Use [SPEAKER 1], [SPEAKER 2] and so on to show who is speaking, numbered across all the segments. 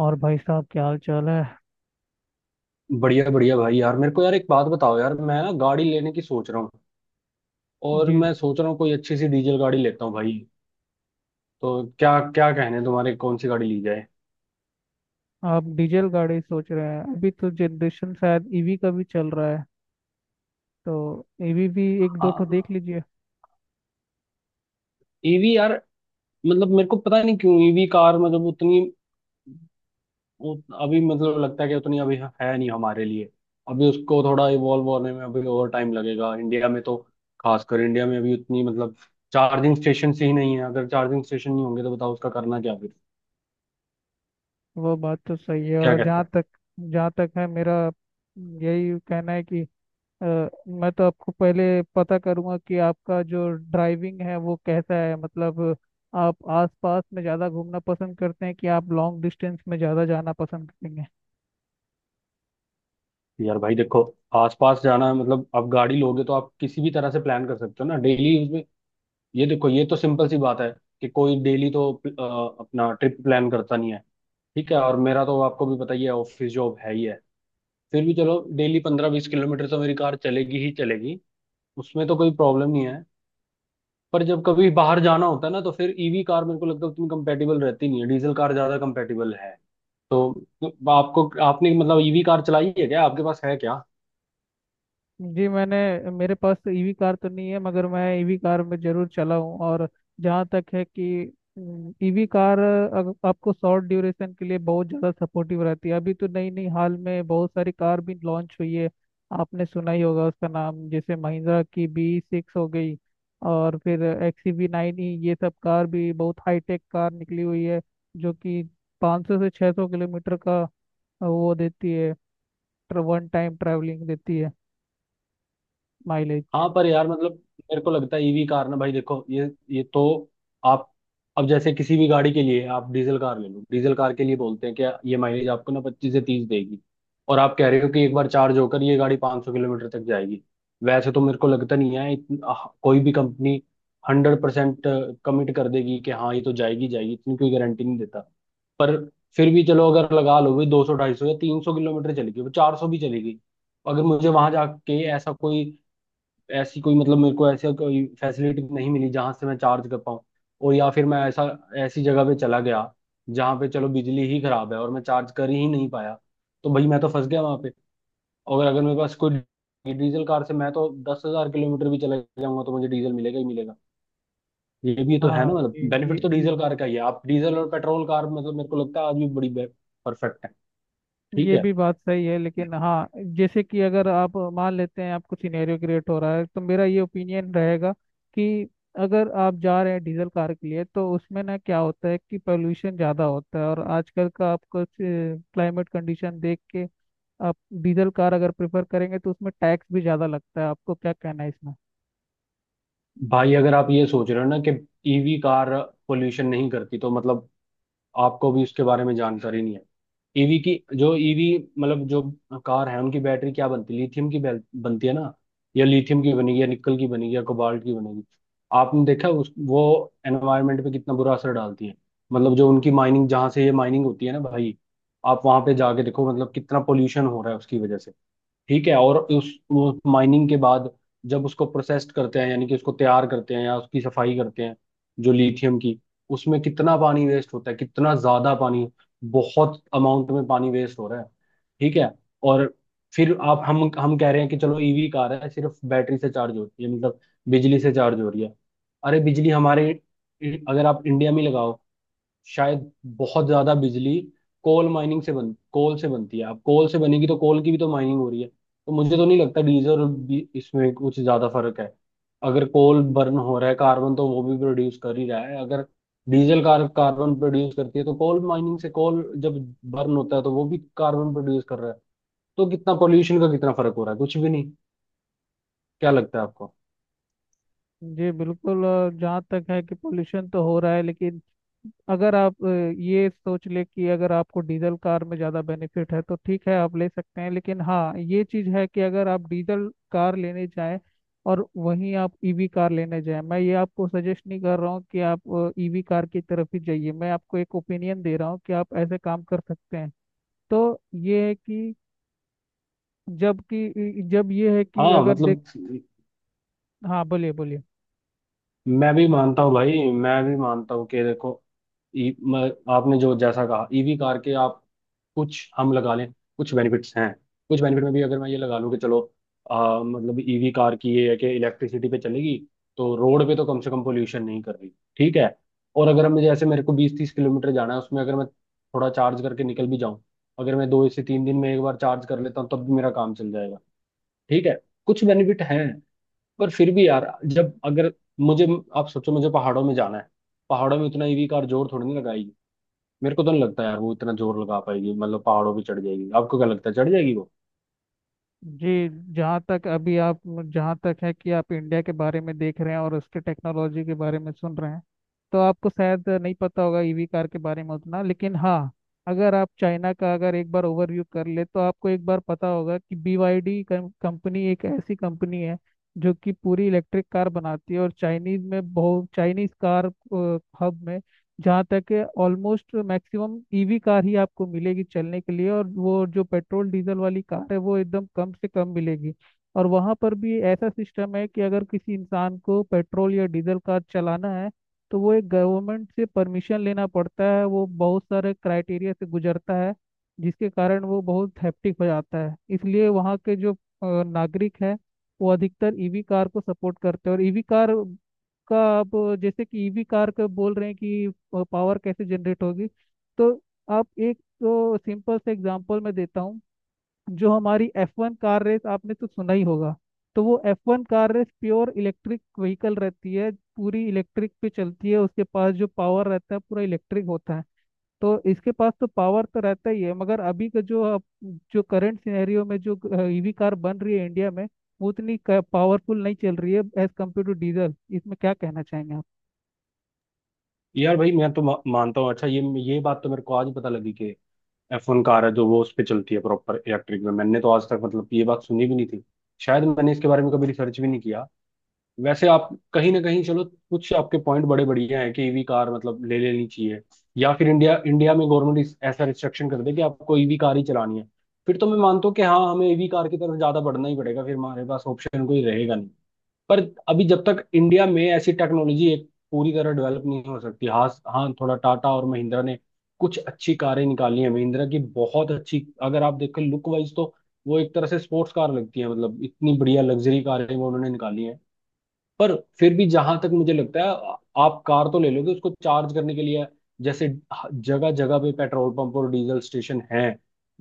[SPEAKER 1] और भाई साहब क्या हाल चाल है।
[SPEAKER 2] बढ़िया बढ़िया भाई, यार मेरे को यार एक बात बताओ, यार मैं ना गाड़ी लेने की सोच रहा हूँ। और
[SPEAKER 1] जी।
[SPEAKER 2] मैं सोच रहा हूँ कोई अच्छी सी डीजल गाड़ी लेता हूँ भाई। तो क्या क्या कहने तुम्हारे, कौन सी गाड़ी ली जाए?
[SPEAKER 1] आप डीजल गाड़ी सोच रहे हैं, अभी तो जनरेशन शायद ईवी का भी चल रहा है, तो ईवी भी एक दो ठो देख लीजिए।
[SPEAKER 2] ईवी यार, मतलब मेरे को पता नहीं क्यों ईवी कार मतलब उतनी अभी मतलब लगता है कि उतनी अभी है नहीं हमारे लिए। अभी उसको थोड़ा इवॉल्व होने में अभी और टाइम लगेगा इंडिया में तो, खासकर इंडिया में अभी उतनी मतलब चार्जिंग स्टेशन ही नहीं है। अगर चार्जिंग स्टेशन नहीं होंगे तो बताओ उसका करना क्या फिर?
[SPEAKER 1] वो बात तो सही है।
[SPEAKER 2] क्या
[SPEAKER 1] और
[SPEAKER 2] कहते
[SPEAKER 1] जहाँ
[SPEAKER 2] हैं?
[SPEAKER 1] तक जहाँ तक है मेरा यही कहना है कि मैं तो आपको पहले पता करूंगा कि आपका जो ड्राइविंग है वो कैसा है, मतलब आप आस पास में ज़्यादा घूमना पसंद करते हैं कि आप लॉन्ग डिस्टेंस में ज़्यादा जाना पसंद करेंगे।
[SPEAKER 2] यार भाई देखो, आसपास जाना है मतलब आप गाड़ी लोगे तो आप किसी भी तरह से प्लान कर सकते हो ना डेली उसमें। ये देखो, ये तो सिंपल सी बात है कि कोई डेली तो अपना ट्रिप प्लान करता नहीं है। ठीक है, और मेरा तो आपको भी पता ही है, ऑफिस जॉब है ही है। फिर भी चलो डेली 15 20 किलोमीटर तो मेरी कार चलेगी ही चलेगी, उसमें तो कोई प्रॉब्लम नहीं है। पर जब कभी बाहर जाना होता है ना, तो फिर ईवी कार मेरे को लगता है उतनी कंपेटेबल रहती नहीं है, डीजल कार ज्यादा कंपेटेबल है। तो तो आपको, आपने मतलब ईवी कार चलाई है क्या, आपके पास है क्या?
[SPEAKER 1] जी। मैंने मेरे पास तो ईवी कार तो नहीं है, मगर मैं ईवी कार में जरूर चला हूँ। और जहाँ तक है कि ईवी कार आपको शॉर्ट ड्यूरेशन के लिए बहुत ज़्यादा सपोर्टिव रहती है। अभी तो नई नई हाल में बहुत सारी कार भी लॉन्च हुई है। आपने सुना ही होगा उसका नाम, जैसे महिंद्रा की B6 हो गई और फिर एक्सी वी नाइन ई, ये सब कार भी बहुत हाईटेक कार निकली हुई है, जो कि 500 से 600 किलोमीटर का वो देती है, वन टाइम ट्रैवलिंग देती है माइलेज।
[SPEAKER 2] हाँ पर यार मतलब मेरे को लगता है ईवी कार ना भाई देखो, ये तो आप, अब जैसे किसी भी गाड़ी के लिए आप डीजल कार ले लो, डीजल कार के लिए बोलते हैं कि ये माइलेज आपको ना 25 से 30 देगी। और आप कह रहे हो कि एक बार चार्ज होकर ये गाड़ी 500 सौ किलोमीटर तक जाएगी। वैसे तो मेरे को लगता नहीं है कोई भी कंपनी 100% कमिट कर देगी कि हाँ ये तो जाएगी जाएगी, इतनी कोई गारंटी नहीं देता। पर फिर भी चलो अगर लगा लो भाई 200 250 या 300 किलोमीटर चलेगी, वो 400 भी चलेगी। अगर मुझे वहां जाके ऐसा कोई, ऐसी कोई मतलब मेरे को ऐसा कोई फैसिलिटी नहीं मिली जहां से मैं चार्ज कर पाऊँ। और या फिर मैं ऐसा, ऐसी जगह पे चला गया जहां पे चलो बिजली ही खराब है और मैं चार्ज कर ही नहीं पाया, तो भाई मैं तो फंस गया वहां पे। और अगर मेरे पास कोई डीजल कार से मैं तो 10,000 किलोमीटर भी चले जाऊंगा तो मुझे डीजल मिलेगा ही मिलेगा। ये भी तो है
[SPEAKER 1] हाँ
[SPEAKER 2] ना, मतलब
[SPEAKER 1] ये ये
[SPEAKER 2] बेनिफिट तो
[SPEAKER 1] ये
[SPEAKER 2] डीजल कार का ही है। आप डीजल और पेट्रोल कार मतलब मेरे को लगता है आज भी बड़ी परफेक्ट है। ठीक
[SPEAKER 1] ये
[SPEAKER 2] है।
[SPEAKER 1] भी बात सही है, लेकिन हाँ, जैसे कि अगर आप मान लेते हैं आपको सिनेरियो क्रिएट हो रहा है तो मेरा ये ओपिनियन रहेगा कि अगर आप जा रहे हैं डीजल कार के लिए तो उसमें ना क्या होता है कि पोल्यूशन ज़्यादा होता है, और आजकल का आपको क्लाइमेट कंडीशन देख के आप डीजल कार अगर प्रेफर करेंगे तो उसमें टैक्स भी ज़्यादा लगता है। आपको क्या कहना है इसमें?
[SPEAKER 2] भाई अगर आप ये सोच रहे हो ना कि ईवी कार पोल्यूशन नहीं करती, तो मतलब आपको भी उसके बारे में जानकारी नहीं है। ईवी की जो ईवी मतलब जो कार है, उनकी बैटरी क्या बनती है, लिथियम की बनती है ना? या लिथियम की बनेगी या निकल की बनेगी या कोबाल्ट की बनेगी। आपने देखा उस वो एनवायरनमेंट पे कितना बुरा असर डालती है। मतलब जो उनकी माइनिंग, जहाँ से ये माइनिंग होती है ना भाई, आप वहां पे जाके देखो मतलब कितना पोल्यूशन हो रहा है उसकी वजह से। ठीक है, और उस माइनिंग के बाद जब उसको प्रोसेस्ड करते हैं, यानी कि उसको तैयार करते हैं या उसकी सफाई करते हैं, जो लिथियम की, उसमें कितना पानी वेस्ट होता है, कितना ज्यादा पानी, बहुत अमाउंट में पानी वेस्ट हो रहा है। ठीक है। और फिर आप हम कह रहे हैं कि चलो ईवी कार है, सिर्फ बैटरी से चार्ज होती है, मतलब बिजली से चार्ज हो रही है। अरे बिजली हमारे, अगर आप इंडिया में लगाओ, शायद बहुत ज्यादा बिजली कोल माइनिंग से बन कोल से बनती है। अब कोल से बनेगी तो कोल की भी तो माइनिंग हो रही है, तो मुझे तो नहीं लगता डीजल और इसमें कुछ ज्यादा फर्क है। अगर कोल बर्न हो रहा है कार्बन, तो वो भी प्रोड्यूस कर ही रहा है। अगर डीजल कार कार्बन प्रोड्यूस करती है, तो कोल माइनिंग से कोल जब बर्न होता है, तो वो भी कार्बन प्रोड्यूस कर रहा है। तो कितना पोल्यूशन का कितना फर्क हो रहा है, कुछ भी नहीं। क्या लगता है आपको?
[SPEAKER 1] जी बिल्कुल। और जहाँ तक है कि पोल्यूशन तो हो रहा है, लेकिन अगर आप ये सोच ले कि अगर आपको डीजल कार में ज़्यादा बेनिफिट है तो ठीक है, आप ले सकते हैं। लेकिन हाँ ये चीज़ है कि अगर आप डीजल कार लेने जाएं और वहीं आप ईवी कार लेने जाएं, मैं ये आपको सजेस्ट नहीं कर रहा हूँ कि आप ईवी कार की तरफ ही जाइए, मैं आपको एक ओपिनियन दे रहा हूँ कि आप ऐसे काम कर सकते हैं। तो ये है कि जबकि जब ये है कि
[SPEAKER 2] हाँ
[SPEAKER 1] अगर देख
[SPEAKER 2] मतलब
[SPEAKER 1] हाँ, बोलिए बोलिए।
[SPEAKER 2] मैं भी मानता हूँ भाई, मैं भी मानता हूँ कि देखो आपने जो जैसा कहा, ईवी कार के आप कुछ हम लगा लें, कुछ बेनिफिट्स हैं। कुछ बेनिफिट में भी अगर मैं ये लगा लूँ कि चलो, मतलब ईवी कार की ये है कि इलेक्ट्रिसिटी पे चलेगी, तो रोड पे तो कम से कम पोल्यूशन नहीं कर रही। ठीक है। और अगर मैं जैसे मेरे को 20 30 किलोमीटर जाना है, उसमें अगर मैं थोड़ा चार्ज करके निकल भी जाऊं, अगर मैं 2 से 3 दिन में एक बार चार्ज कर लेता हूँ तब भी मेरा काम चल जाएगा। ठीक है, कुछ बेनिफिट हैं। पर फिर भी यार, जब अगर मुझे, आप सोचो मुझे पहाड़ों में जाना है, पहाड़ों में इतना ईवी कार जोर थोड़ी नहीं लगाएगी। मेरे को तो नहीं लगता यार वो इतना जोर लगा पाएगी, मतलब पहाड़ों पे चढ़ जाएगी? आपको क्या लगता है, चढ़ जाएगी वो?
[SPEAKER 1] जी। जहाँ तक है कि आप इंडिया के बारे में देख रहे हैं और उसके टेक्नोलॉजी के बारे में सुन रहे हैं, तो आपको शायद नहीं पता होगा ईवी कार के बारे में उतना। लेकिन हाँ, अगर आप चाइना का अगर एक बार ओवरव्यू कर ले तो आपको एक बार पता होगा कि BYD कंपनी एक ऐसी कंपनी है जो कि पूरी इलेक्ट्रिक कार बनाती है, और चाइनीज में बहुत चाइनीज कार हब में जहाँ तक है ऑलमोस्ट मैक्सिमम ईवी कार ही आपको मिलेगी चलने के लिए, और वो जो पेट्रोल डीजल वाली कार है वो एकदम कम से कम मिलेगी। और वहाँ पर भी ऐसा सिस्टम है कि अगर किसी इंसान को पेट्रोल या डीजल कार चलाना है तो वो एक गवर्नमेंट से परमिशन लेना पड़ता है, वो बहुत सारे क्राइटेरिया से गुजरता है, जिसके कारण वो बहुत हैप्टिक हो जाता है। इसलिए वहाँ के जो नागरिक है वो अधिकतर ईवी कार को सपोर्ट करते हैं। और ईवी कार का आप जैसे कि ईवी कार का बोल रहे हैं कि पावर कैसे जनरेट होगी, तो आप एक तो सिंपल से एग्जांपल मैं देता हूँ। जो हमारी F1 कार रेस आपने तो सुना ही होगा, तो वो F1 car race pure electric vehicle रहती है, पूरी इलेक्ट्रिक पे चलती है, उसके पास जो पावर रहता है पूरा इलेक्ट्रिक होता है। तो इसके पास तो पावर तो रहता ही है, मगर अभी का जो जो करंट सिनेरियो में जो ईवी कार बन रही है इंडिया में, वो उतनी पावरफुल नहीं चल रही है एज कम्पेयर टू डीजल। इसमें क्या कहना चाहेंगे आप?
[SPEAKER 2] यार भाई मैं तो मानता हूँ, अच्छा ये बात तो मेरे को आज पता लगी कि F1 कार है जो वो उस पर चलती है प्रॉपर इलेक्ट्रिक में। मैंने तो आज तक मतलब ये बात सुनी भी नहीं थी, शायद मैंने इसके बारे में कभी रिसर्च भी नहीं किया। वैसे आप कहीं ना कहीं चलो, कुछ आपके पॉइंट बड़े बढ़िया हैं कि ईवी कार मतलब ले लेनी चाहिए, या फिर इंडिया इंडिया में गवर्नमेंट ऐसा रिस्ट्रिक्शन कर दे कि आपको ईवी कार ही चलानी है, फिर तो मैं मानता हूँ कि हाँ हमें ईवी कार की तरफ ज्यादा बढ़ना ही पड़ेगा, फिर हमारे पास ऑप्शन कोई रहेगा नहीं। पर अभी जब तक इंडिया में ऐसी टेक्नोलॉजी एक पूरी तरह डेवलप नहीं हो सकती। हाँ हाँ, थोड़ा टाटा और महिंद्रा ने कुछ अच्छी कारें निकाली हैं, महिंद्रा की बहुत अच्छी, अगर आप देखें लुक वाइज तो, वो एक तरह से स्पोर्ट्स कार लगती है, मतलब इतनी बढ़िया लग्जरी कारें वो उन्होंने निकाली हैं। पर फिर भी जहां तक मुझे लगता है, आप कार तो ले लोगे, उसको चार्ज करने के लिए, जैसे जगह जगह पे पेट्रोल पंप और डीजल स्टेशन हैं,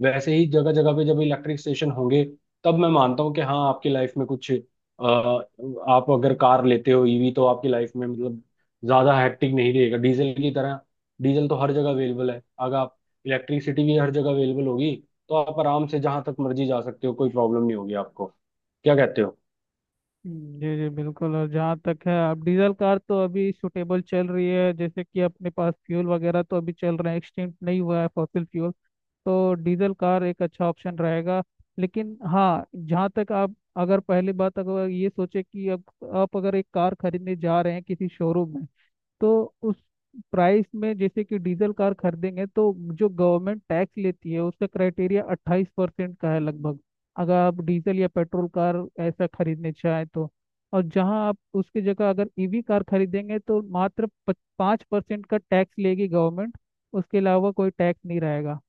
[SPEAKER 2] वैसे ही जगह जगह पे जब इलेक्ट्रिक स्टेशन होंगे, तब मैं मानता हूँ कि हाँ आपकी लाइफ में कुछ आप अगर कार लेते हो ईवी, तो आपकी लाइफ में मतलब ज्यादा हैक्टिक नहीं रहेगा डीजल की तरह। डीजल तो हर जगह अवेलेबल है, अगर आप इलेक्ट्रिसिटी भी हर जगह अवेलेबल होगी, तो आप आराम से जहां तक मर्जी जा सकते हो, कोई प्रॉब्लम नहीं होगी आपको। क्या कहते हो?
[SPEAKER 1] जी जी बिल्कुल। और जहाँ तक है, अब डीजल कार तो अभी सुटेबल चल रही है, जैसे कि अपने पास फ्यूल वगैरह तो अभी चल रहा है, एक्सटिंक्ट नहीं हुआ है फॉसिल फ्यूल, तो डीजल कार एक अच्छा ऑप्शन रहेगा। लेकिन हाँ जहाँ तक आप अगर पहली बात अगर ये सोचे कि अब आप अगर एक कार खरीदने जा रहे हैं किसी शोरूम में, तो उस प्राइस में जैसे कि डीजल कार खरीदेंगे तो जो गवर्नमेंट टैक्स लेती है उसका क्राइटेरिया 28% का है लगभग, अगर आप डीजल या पेट्रोल कार ऐसा खरीदने चाहें तो। और जहां आप उसकी जगह अगर ईवी कार खरीदेंगे तो मात्र 5% का टैक्स लेगी गवर्नमेंट, उसके अलावा कोई टैक्स नहीं रहेगा।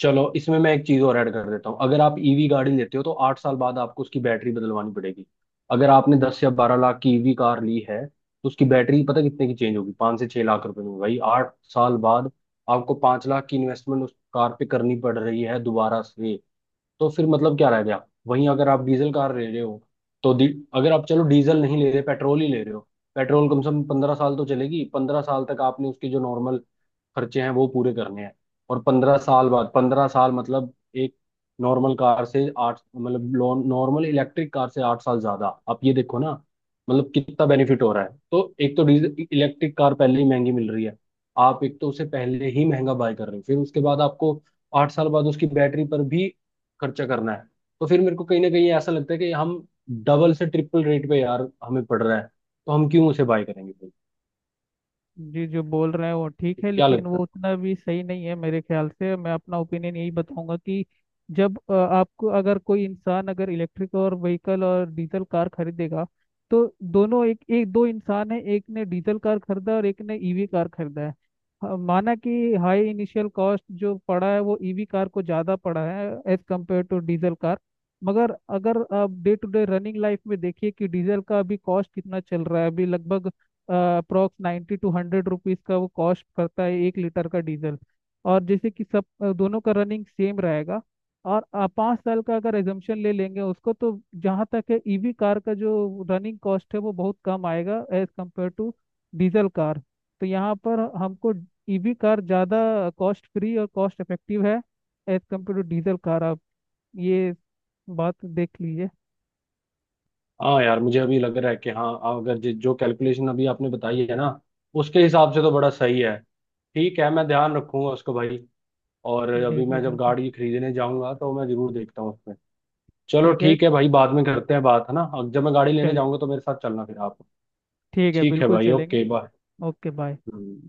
[SPEAKER 2] चलो इसमें मैं एक चीज और ऐड कर देता हूँ, अगर आप ईवी गाड़ी लेते हो तो 8 साल बाद आपको उसकी बैटरी बदलवानी पड़ेगी। अगर आपने 10 या 12 लाख की ईवी कार ली है, तो उसकी बैटरी पता कितने की चेंज होगी, 5 से 6 लाख रुपए में भाई, 8 साल बाद। आपको 5 लाख की इन्वेस्टमेंट उस कार पे करनी पड़ रही है दोबारा से। तो फिर मतलब क्या रह गया? वहीं अगर आप डीजल कार ले रहे हो तो डी अगर आप चलो डीजल नहीं ले रहे, पेट्रोल ही ले रहे हो, पेट्रोल कम से कम 15 साल तो चलेगी, 15 साल तक आपने उसकी जो नॉर्मल खर्चे हैं वो पूरे करने हैं। और 15 साल बाद, 15 साल मतलब एक नॉर्मल कार से आठ मतलब नॉर्मल इलेक्ट्रिक कार से 8 साल ज्यादा, आप ये देखो ना, मतलब कितना बेनिफिट हो रहा है। तो एक तो डीजल इलेक्ट्रिक कार पहले ही महंगी मिल रही है, आप एक तो उसे पहले ही महंगा बाय कर रहे हो, फिर उसके बाद आपको 8 साल बाद उसकी बैटरी पर भी खर्चा करना है। तो फिर मेरे को कहीं ना कहीं ऐसा लगता है कि हम डबल से ट्रिपल रेट पे यार हमें पड़ रहा है, तो हम क्यों उसे बाय करेंगे फिर?
[SPEAKER 1] जी जो बोल रहे हैं वो ठीक है,
[SPEAKER 2] क्या
[SPEAKER 1] लेकिन वो
[SPEAKER 2] लगता है?
[SPEAKER 1] उतना भी सही नहीं है मेरे ख्याल से। मैं अपना ओपिनियन यही बताऊंगा कि जब आपको अगर कोई इंसान अगर इलेक्ट्रिक और व्हीकल और डीजल कार खरीदेगा तो दोनों एक एक दो इंसान है, एक ने डीजल कार खरीदा और एक ने ईवी कार खरीदा है। हाँ, माना कि हाई इनिशियल कॉस्ट जो पड़ा है वो ईवी कार को ज़्यादा पड़ा है as compare to diesel car, मगर अगर आप day to day running life में देखिए कि डीजल का अभी कॉस्ट कितना चल रहा है, अभी लगभग अप्रोक्स 90 से 100 रुपीज़ का वो कॉस्ट करता है 1 लीटर का डीजल। और जैसे कि सब दोनों का रनिंग सेम रहेगा, और 5 साल का अगर एजम्पशन ले लेंगे उसको, तो जहाँ तक है ईवी कार का जो रनिंग कॉस्ट है वो बहुत कम आएगा as compare to diesel car. तो यहाँ पर हमको ईवी कार ज़्यादा कॉस्ट फ्री और कॉस्ट इफेक्टिव है as compare to diesel car. आप ये बात देख लीजिए।
[SPEAKER 2] हाँ यार, मुझे अभी लग रहा है कि हाँ, अगर जो कैलकुलेशन अभी आपने बताई है ना, उसके हिसाब से तो बड़ा सही है। ठीक है, मैं ध्यान रखूंगा उसको भाई, और
[SPEAKER 1] जी
[SPEAKER 2] अभी
[SPEAKER 1] जी
[SPEAKER 2] मैं जब
[SPEAKER 1] बिल्कुल।
[SPEAKER 2] गाड़ी खरीदने जाऊंगा तो मैं जरूर देखता हूँ उसमें। चलो
[SPEAKER 1] ठीक है।
[SPEAKER 2] ठीक है भाई, बाद में करते हैं बात है ना, अब जब मैं गाड़ी लेने
[SPEAKER 1] चलिए।
[SPEAKER 2] जाऊंगा तो मेरे साथ चलना फिर आप।
[SPEAKER 1] ठीक है,
[SPEAKER 2] ठीक है
[SPEAKER 1] बिल्कुल
[SPEAKER 2] भाई,
[SPEAKER 1] चलेंगे।
[SPEAKER 2] Okay
[SPEAKER 1] okay bye.
[SPEAKER 2] बाय।